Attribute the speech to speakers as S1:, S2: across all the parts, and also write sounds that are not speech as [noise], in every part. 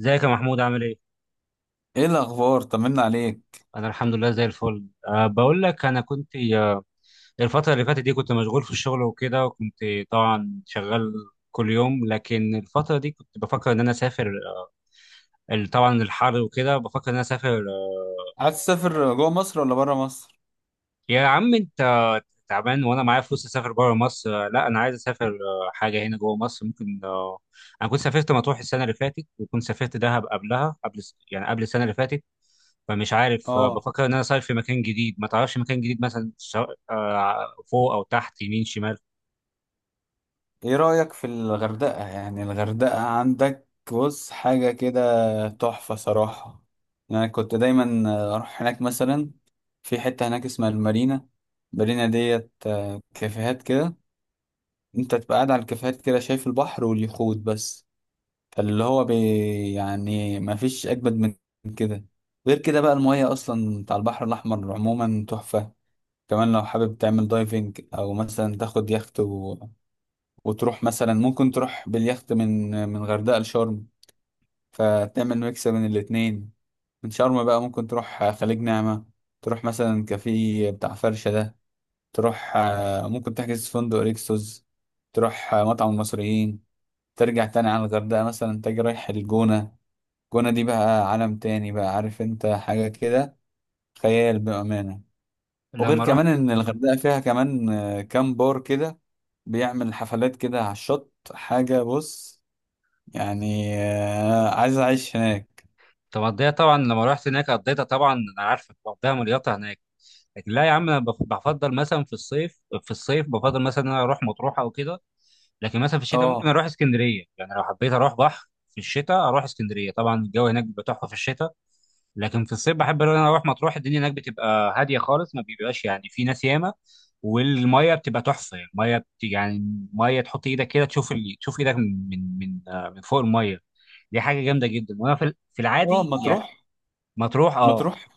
S1: ازيك يا محمود عامل ايه؟
S2: ايه الاخبار؟ طمنا عليك.
S1: انا الحمد لله زي الفل، أه بقول لك انا كنت الفترة اللي فاتت دي كنت مشغول في الشغل وكده، وكنت طبعا شغال كل يوم. لكن الفترة دي كنت بفكر ان انا اسافر، طبعا الحر وكده، بفكر ان انا اسافر
S2: عايز تسافر جوه مصر ولا بره مصر؟
S1: يا عم انت تعبان. وانا معايا فلوس اسافر بره مصر؟ لا، انا عايز اسافر حاجة هنا جوه مصر، ممكن. انا كنت سافرت مطروح السنة اللي فاتت، وكنت سافرت دهب قبلها، يعني قبل السنة اللي فاتت. فمش عارف،
S2: اه.
S1: بفكر ان انا صاير في مكان جديد. ما تعرفش مكان جديد مثلا؟ فوق او تحت، يمين شمال.
S2: ايه رايك في الغردقه؟ يعني الغردقه عندك، بص حاجه كده تحفه صراحه. يعني كنت دايما اروح هناك مثلا. في حته هناك اسمها المارينا. المارينا ديت كافيهات كده. انت تبقى قاعد على الكافيهات كده شايف البحر واليخوت بس. فاللي هو بي يعني ما فيش اجمد من كده. غير كده بقى المياه اصلا بتاع البحر الاحمر عموما تحفه. كمان لو حابب تعمل دايفنج او مثلا تاخد يخت وتروح مثلا، ممكن تروح باليخت من غردقة لشرم. فتعمل ميكس بين الاتنين. من شرم بقى ممكن تروح خليج نعمة. تروح مثلا كافيه بتاع فرشة ده. تروح ممكن تحجز في فندق ريكسوس. تروح مطعم المصريين. ترجع تاني على الغردقة مثلا تجي رايح الجونة. الجونة دي بقى عالم تاني بقى، عارف انت حاجة كده. خيال بأمانة. وغير
S1: لما رحت
S2: كمان ان
S1: مم.
S2: الغردقه فيها كمان كام بار كده بيعمل حفلات كده على الشط. حاجه بص، يعني عايز اعيش هناك.
S1: طب قضيتها طبعا لما رحت هناك، قضيتها طبعا، انا عارفك بقضيها مليطه هناك. لكن لا يا عم، انا بفضل مثلا في الصيف، في الصيف بفضل مثلا ان انا اروح مطروح او كده. لكن مثلا في الشتاء ممكن
S2: اه،
S1: اروح اسكندريه، يعني لو حبيت اروح بحر في الشتاء اروح اسكندريه. طبعا الجو هناك بيبقى تحفه في الشتاء. لكن في الصيف بحب ان انا اروح مطروح، الدنيا هناك بتبقى هاديه خالص، ما بيبقاش يعني في ناس ياما. والميه بتبقى تحفه، يعني الميه يعني ميه تحط ايدك كده تشوف تشوف ايدك من فوق الميه. دي حاجه جامده جدا، وانا في
S2: اه.
S1: العادي يعني.
S2: مطروح.
S1: مطروح، اه.
S2: مطروح.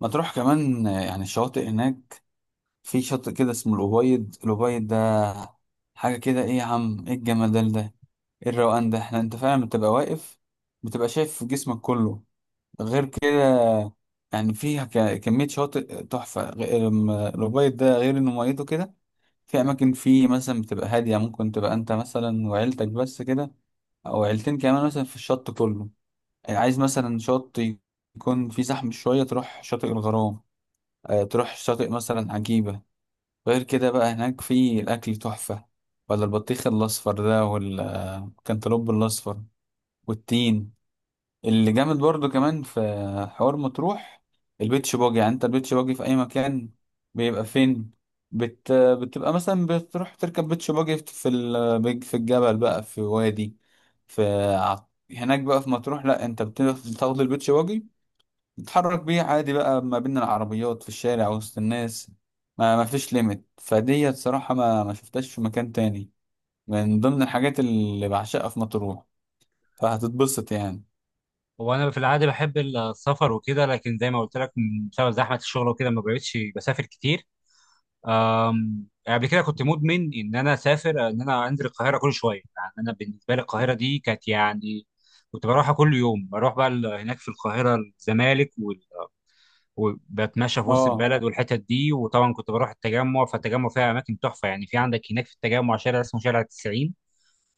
S2: مطروح كمان يعني الشواطئ هناك. في شاطئ كده اسمه الأبيض. الأبيض ده حاجه كده. ايه يا عم، ايه الجمدان ده! ايه الروقان ده! احنا، انت فعلا بتبقى واقف، بتبقى شايف جسمك كله. غير كده يعني فيها كمية شواطئ تحفة. غير الأبيض ده، غير إنه ميته كده. في أماكن فيه مثلا بتبقى هادية، ممكن تبقى أنت مثلا وعيلتك بس كده، أو عيلتين كمان مثلا في الشط كله. يعني عايز مثلا شط يكون فيه زحمة شوية، تروح شاطئ الغرام. تروح شاطئ مثلا عجيبة. غير كده بقى هناك في الأكل تحفة، ولا البطيخ الأصفر ده، والكنتالوب الأصفر، والتين اللي جامد برضو. كمان في حوار مطروح، البيتش باجي. يعني انت البيتش باجي في اي مكان بيبقى فين؟ بتبقى مثلا بتروح تركب بيتش باجي في الجبل بقى، في وادي، في هناك بقى في مطروح. لا، انت بتاخد البيتش باجي، بتتحرك بيه عادي بقى ما بين العربيات في الشارع وسط الناس. ما فيش ليميت فدي، صراحة ما شفتهاش في مكان تاني. من ضمن الحاجات اللي بعشقها في مطروح. فهتتبسط يعني.
S1: هو انا في العادي بحب السفر وكده، لكن زي ما قلت لك، بسبب زحمه الشغل وكده ما بقتش بسافر كتير. يعني قبل كده كنت مدمن ان انا اسافر، ان انا انزل القاهره كل شويه. يعني انا بالنسبه لي القاهره دي كانت، يعني كنت بروحها كل يوم. بروح بقى هناك في القاهره، الزمالك وبتمشى في وسط
S2: اه.
S1: البلد والحتت دي. وطبعا كنت بروح التجمع، فالتجمع فيها اماكن تحفه يعني. في عندك هناك في التجمع شارع اسمه شارع 90.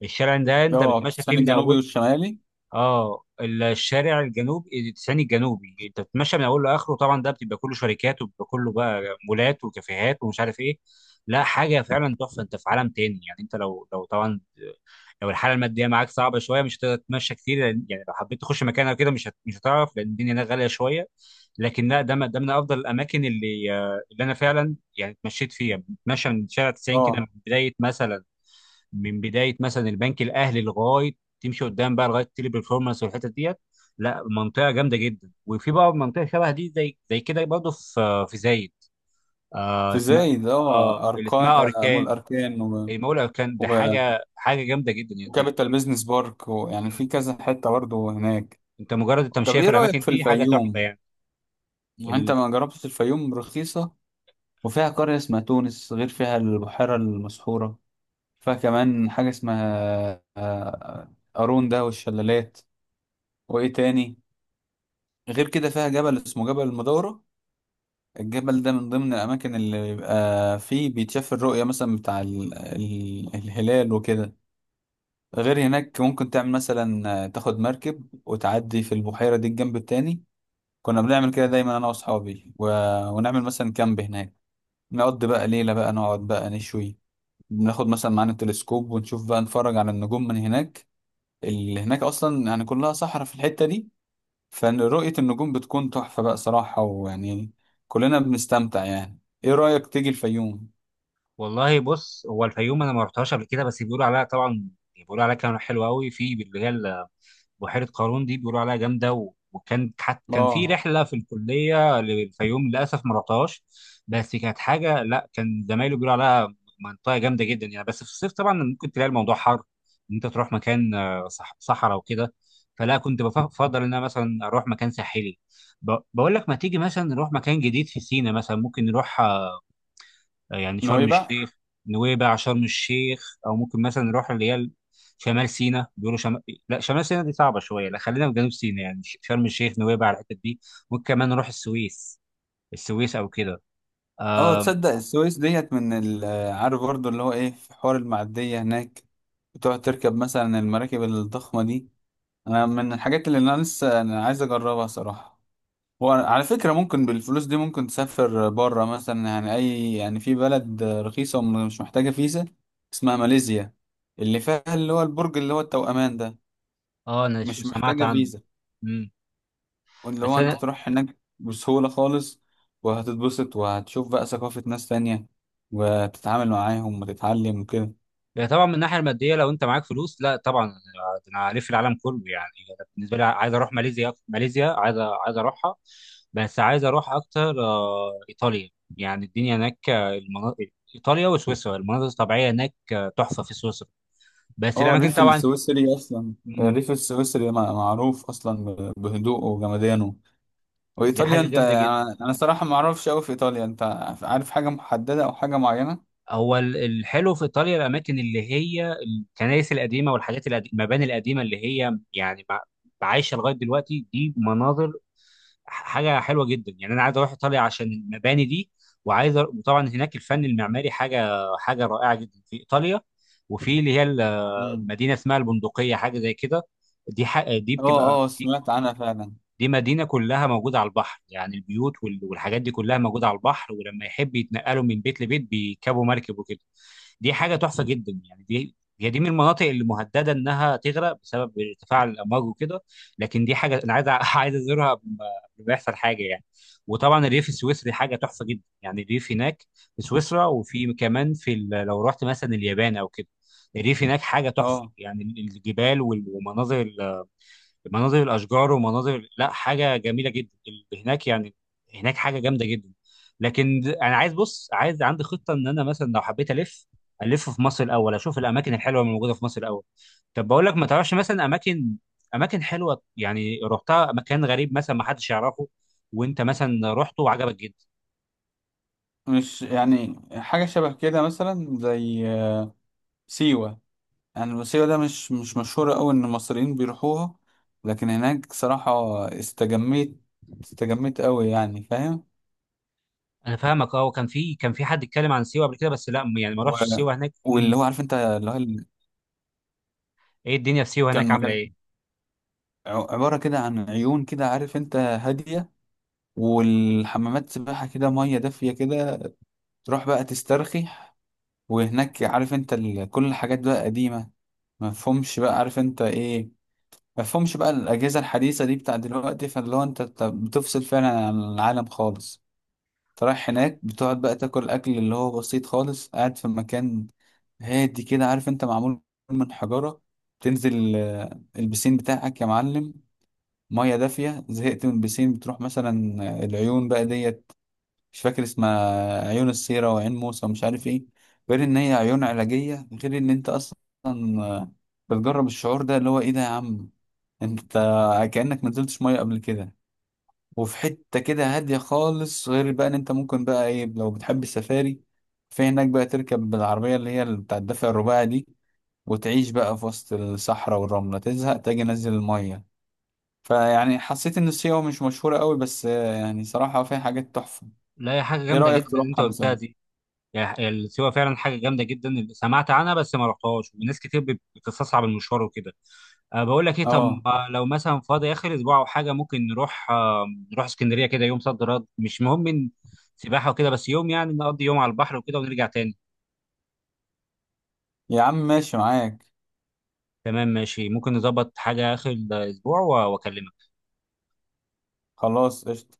S1: الشارع ده انت
S2: اه،
S1: بتمشى فيه
S2: التسخين
S1: من
S2: الجنوبي
S1: اوله،
S2: والشمالي.
S1: اه، الشارع الجنوبي التسعيني الجنوبي. انت بتتمشى من اوله لاخره، طبعا ده بتبقى كله شركات، وبيبقى كله بقى مولات وكافيهات ومش عارف ايه. لا حاجه فعلا تحفه، انت في عالم تاني يعني. انت لو، طبعا لو الحاله الماديه معاك صعبه شويه مش هتقدر تتمشى كتير، يعني لو حبيت تخش مكان او كده مش هتعرف، لان الدنيا هناك غاليه شويه. لكن لا، ده من افضل الاماكن، اللي انا فعلا يعني اتمشيت فيها. بتمشى من شارع 90 كده
S2: اه.
S1: من بدايه مثلا، من بدايه مثلا البنك الاهلي لغايه، تمشي قدام بقى لغايه تيلي برفورمانس والحته ديت. لا منطقه جامده جدا. وفي بقى منطقه شبه دي، زي زي كده برضه، في زايد،
S2: في
S1: اسمها.
S2: زايد.
S1: اه،
S2: اه،
S1: اللي
S2: اركان،
S1: اسمها
S2: مول
S1: اركان.
S2: اركان و...
S1: المول اركان
S2: و...
S1: ده حاجه، جامده جدا يعني انت.
S2: وكابيتال بيزنس بارك. ويعني في
S1: مم.
S2: كذا حته برضه هناك.
S1: انت مجرد
S2: طب
S1: التمشيه في
S2: ايه
S1: الاماكن
S2: رايك في
S1: دي حاجه تحفه
S2: الفيوم؟
S1: يعني.
S2: يعني انت
S1: ال...
S2: ما جربتش الفيوم. رخيصه، وفيها قريه اسمها تونس. غير فيها البحيره المسحوره. فيها كمان حاجه اسمها قارون ده، والشلالات. وايه تاني؟ غير كده فيها جبل اسمه جبل المدورة. الجبل ده من ضمن الأماكن اللي بيبقى فيه بيتشاف الرؤية مثلا بتاع الهلال وكده. غير هناك ممكن تعمل مثلا تاخد مركب وتعدي في البحيرة دي الجنب التاني. كنا بنعمل كده دايما أنا وأصحابي ونعمل مثلا كامب هناك. نقضي بقى ليلة، بقى نقعد بقى نشوي، بناخد مثلا معانا التلسكوب ونشوف بقى نتفرج على النجوم من هناك. اللي هناك أصلا يعني كلها صحراء في الحتة دي. فرؤية النجوم بتكون تحفة بقى صراحة، ويعني كلنا بنستمتع. يعني ايه رأيك تيجي الفيوم؟
S1: والله بص، هو الفيوم انا ما رحتهاش قبل كده، بس بيقولوا عليها طبعا، بيقولوا عليها كلام حلو قوي. في اللي هي بحيره قارون دي، بيقولوا عليها جامده. كان في
S2: اه.
S1: رحله في الكليه للفيوم، للاسف ما رحتهاش. بس كانت حاجه، لا، كان زمايله بيقولوا عليها منطقه جامده جدا يعني. بس في الصيف طبعا ممكن تلاقي الموضوع حر، ان انت تروح مكان صحراء وكده. فلا، كنت بفضل ان انا مثلا اروح مكان ساحلي. بقول لك، ما تيجي مثلا نروح مكان جديد في سينا مثلا؟ ممكن نروح يعني شرم
S2: نويبع.
S1: الشيخ، نويبع، شرم الشيخ، او ممكن مثلا نروح اللي هي شمال سيناء. بيقولوا شمال، لا شمال سيناء دي صعبه شويه. لا خلينا في جنوب سيناء، يعني شرم الشيخ، نويبع، الحتت دي. ممكن كمان نروح السويس، السويس او كده.
S2: اه،
S1: آم،
S2: تصدق السويس ديت عارف برضو اللي هو ايه؟ في حوار المعدية هناك، بتقعد تركب مثلا المراكب الضخمة دي. انا من الحاجات اللي انا لسه عايز اجربها صراحة. وعلى فكرة ممكن بالفلوس دي ممكن تسافر بره مثلا، يعني اي يعني في بلد رخيصة ومش محتاجة فيزا، اسمها ماليزيا، اللي فيها اللي هو البرج اللي هو التوأمان ده.
S1: اه، انا
S2: مش
S1: سمعت
S2: محتاجة
S1: عنه.
S2: فيزا،
S1: مم.
S2: واللي
S1: بس
S2: هو انت
S1: انا.
S2: تروح هناك بسهولة خالص، وهتتبسط وهتشوف بقى ثقافة ناس تانية، وتتعامل معاهم وتتعلم وكده.
S1: لا طبعا من الناحيه الماديه، لو انت معاك فلوس لا طبعا، أنا هلف العالم كله يعني. أنا بالنسبه لي عايز اروح ماليزيا، عايز، اروحها. بس عايز اروح اكتر ايطاليا، يعني الدنيا هناك، المناطق. ايطاليا وسويسرا، المناظر الطبيعيه هناك تحفه، في سويسرا. بس
S2: اه،
S1: الاماكن
S2: الريف
S1: طبعا،
S2: السويسري اصلا.
S1: مم،
S2: الريف السويسري معروف اصلا بهدوءه وجمدانه.
S1: دي
S2: وايطاليا
S1: حاجه
S2: انت،
S1: جامده جدا.
S2: انا صراحة ما اعرفش قوي في ايطاليا. انت عارف حاجة محددة او حاجة معينة؟
S1: هو الحلو في ايطاليا، الاماكن اللي هي الكنائس القديمه والحاجات القديمه، المباني القديمه اللي هي يعني عايشه لغايه دلوقتي. دي مناظر، حاجه حلوه جدا يعني. انا عايز اروح ايطاليا عشان المباني دي. وطبعا هناك الفن المعماري حاجه، رائعه جدا في ايطاليا. وفي اللي هي
S2: مم.
S1: مدينه اسمها البندقيه، حاجه زي كده. دي ح... دي بتبقى
S2: اه، اه، سمعت عنها فعلا.
S1: دي مدينة كلها موجودة على البحر، يعني البيوت والحاجات دي كلها موجودة على البحر. ولما يحب يتنقلوا من بيت لبيت بيركبوا مركب وكده. دي حاجة تحفة جدا يعني. دي من المناطق اللي مهددة إنها تغرق بسبب ارتفاع الأمواج وكده. لكن دي حاجة أنا عايز [laughs] عايز أزورها قبل ما، يحصل حاجة يعني. وطبعا الريف السويسري حاجة تحفة جدا، يعني الريف هناك في سويسرا. وفي كمان، لو رحت مثلا اليابان أو كده، الريف هناك حاجة تحفة
S2: اه،
S1: يعني. الجبال والمناظر، مناظر الاشجار، ومناظر، لا حاجه جميله جدا هناك يعني. هناك حاجه جامده جدا. لكن، انا عايز، بص، عايز عندي خطه ان انا مثلا لو حبيت الف، الف في مصر الاول، اشوف الاماكن الحلوه اللي موجوده في مصر الاول. طب بقول لك، ما تعرفش مثلا اماكن، اماكن حلوه يعني رحتها، مكان غريب مثلا ما حدش يعرفه، وانت مثلا رحته وعجبك جدا؟
S2: مش يعني حاجة شبه كده مثلا زي سيوة. يعني الموسيقى ده مش مشهورة أوي إن المصريين بيروحوها، لكن هناك صراحة استجميت. استجميت أوي، يعني فاهم.
S1: انا فاهمك، اه. وكان في، كان في حد اتكلم عن سيوه قبل كده، بس لا يعني ما
S2: و...
S1: رحتش سيوه هناك. مم.
S2: واللي هو عارف أنت، اللي هو
S1: ايه الدنيا في سيوه هناك
S2: كان
S1: عامله
S2: مكان
S1: ايه؟
S2: عبارة كده عن عيون كده، عارف أنت، هادية. والحمامات سباحة كده، مية دافية كده، تروح بقى تسترخي. وهناك عارف أنت، كل الحاجات بقى قديمة. مفهومش بقى، عارف أنت إيه، مفهومش بقى الأجهزة الحديثة دي بتاع دلوقتي. فاللي هو أنت بتفصل فعلا عن العالم خالص. فرايح
S1: يعني،
S2: هناك بتقعد بقى تاكل الاكل اللي هو بسيط خالص، قاعد في مكان هادي كده، عارف انت، معمول من حجارة. تنزل البسين بتاعك يا معلم، مية دافية. زهقت من البسين، بتروح مثلا العيون بقى ديت. مش فاكر اسمها، عيون السيرة وعين موسى ومش عارف ايه. غير ان هي عيون علاجية، غير ان انت اصلا آه، بتجرب الشعور ده اللي هو، ايه ده يا عم؟ انت كأنك ما نزلتش مية قبل كده. وفي حتة كده هادية خالص. غير بقى ان انت ممكن بقى ايه، لو بتحب السفاري في هناك بقى تركب بالعربية اللي هي بتاع الدفع الرباعي دي، وتعيش بقى في وسط الصحراء والرملة. تزهق تاجي نزل المية. فيعني حسيت ان سيوة مش مشهورة قوي، بس يعني صراحة فيها حاجات تحفة.
S1: لا، هي حاجه
S2: ايه
S1: جامده جدا
S2: رأيك
S1: اللي انت
S2: تروحها
S1: قلتها
S2: مثلا؟
S1: دي. يعني السيوة فعلا حاجة جامدة جدا، سمعت عنها بس ما رحتهاش، وناس كتير بتستصعب المشوار وكده. أه بقول لك ايه، طب
S2: اه.
S1: ما لو مثلا فاضي آخر أسبوع أو حاجة، ممكن نروح اسكندرية كده، يوم صد رد مش مهم، من سباحة وكده، بس يوم يعني نقضي يوم على البحر وكده ونرجع تاني.
S2: يا عم ماشي معاك.
S1: تمام، ماشي. ممكن نظبط حاجة آخر الأسبوع وأكلمك.
S2: خلاص، قشطة.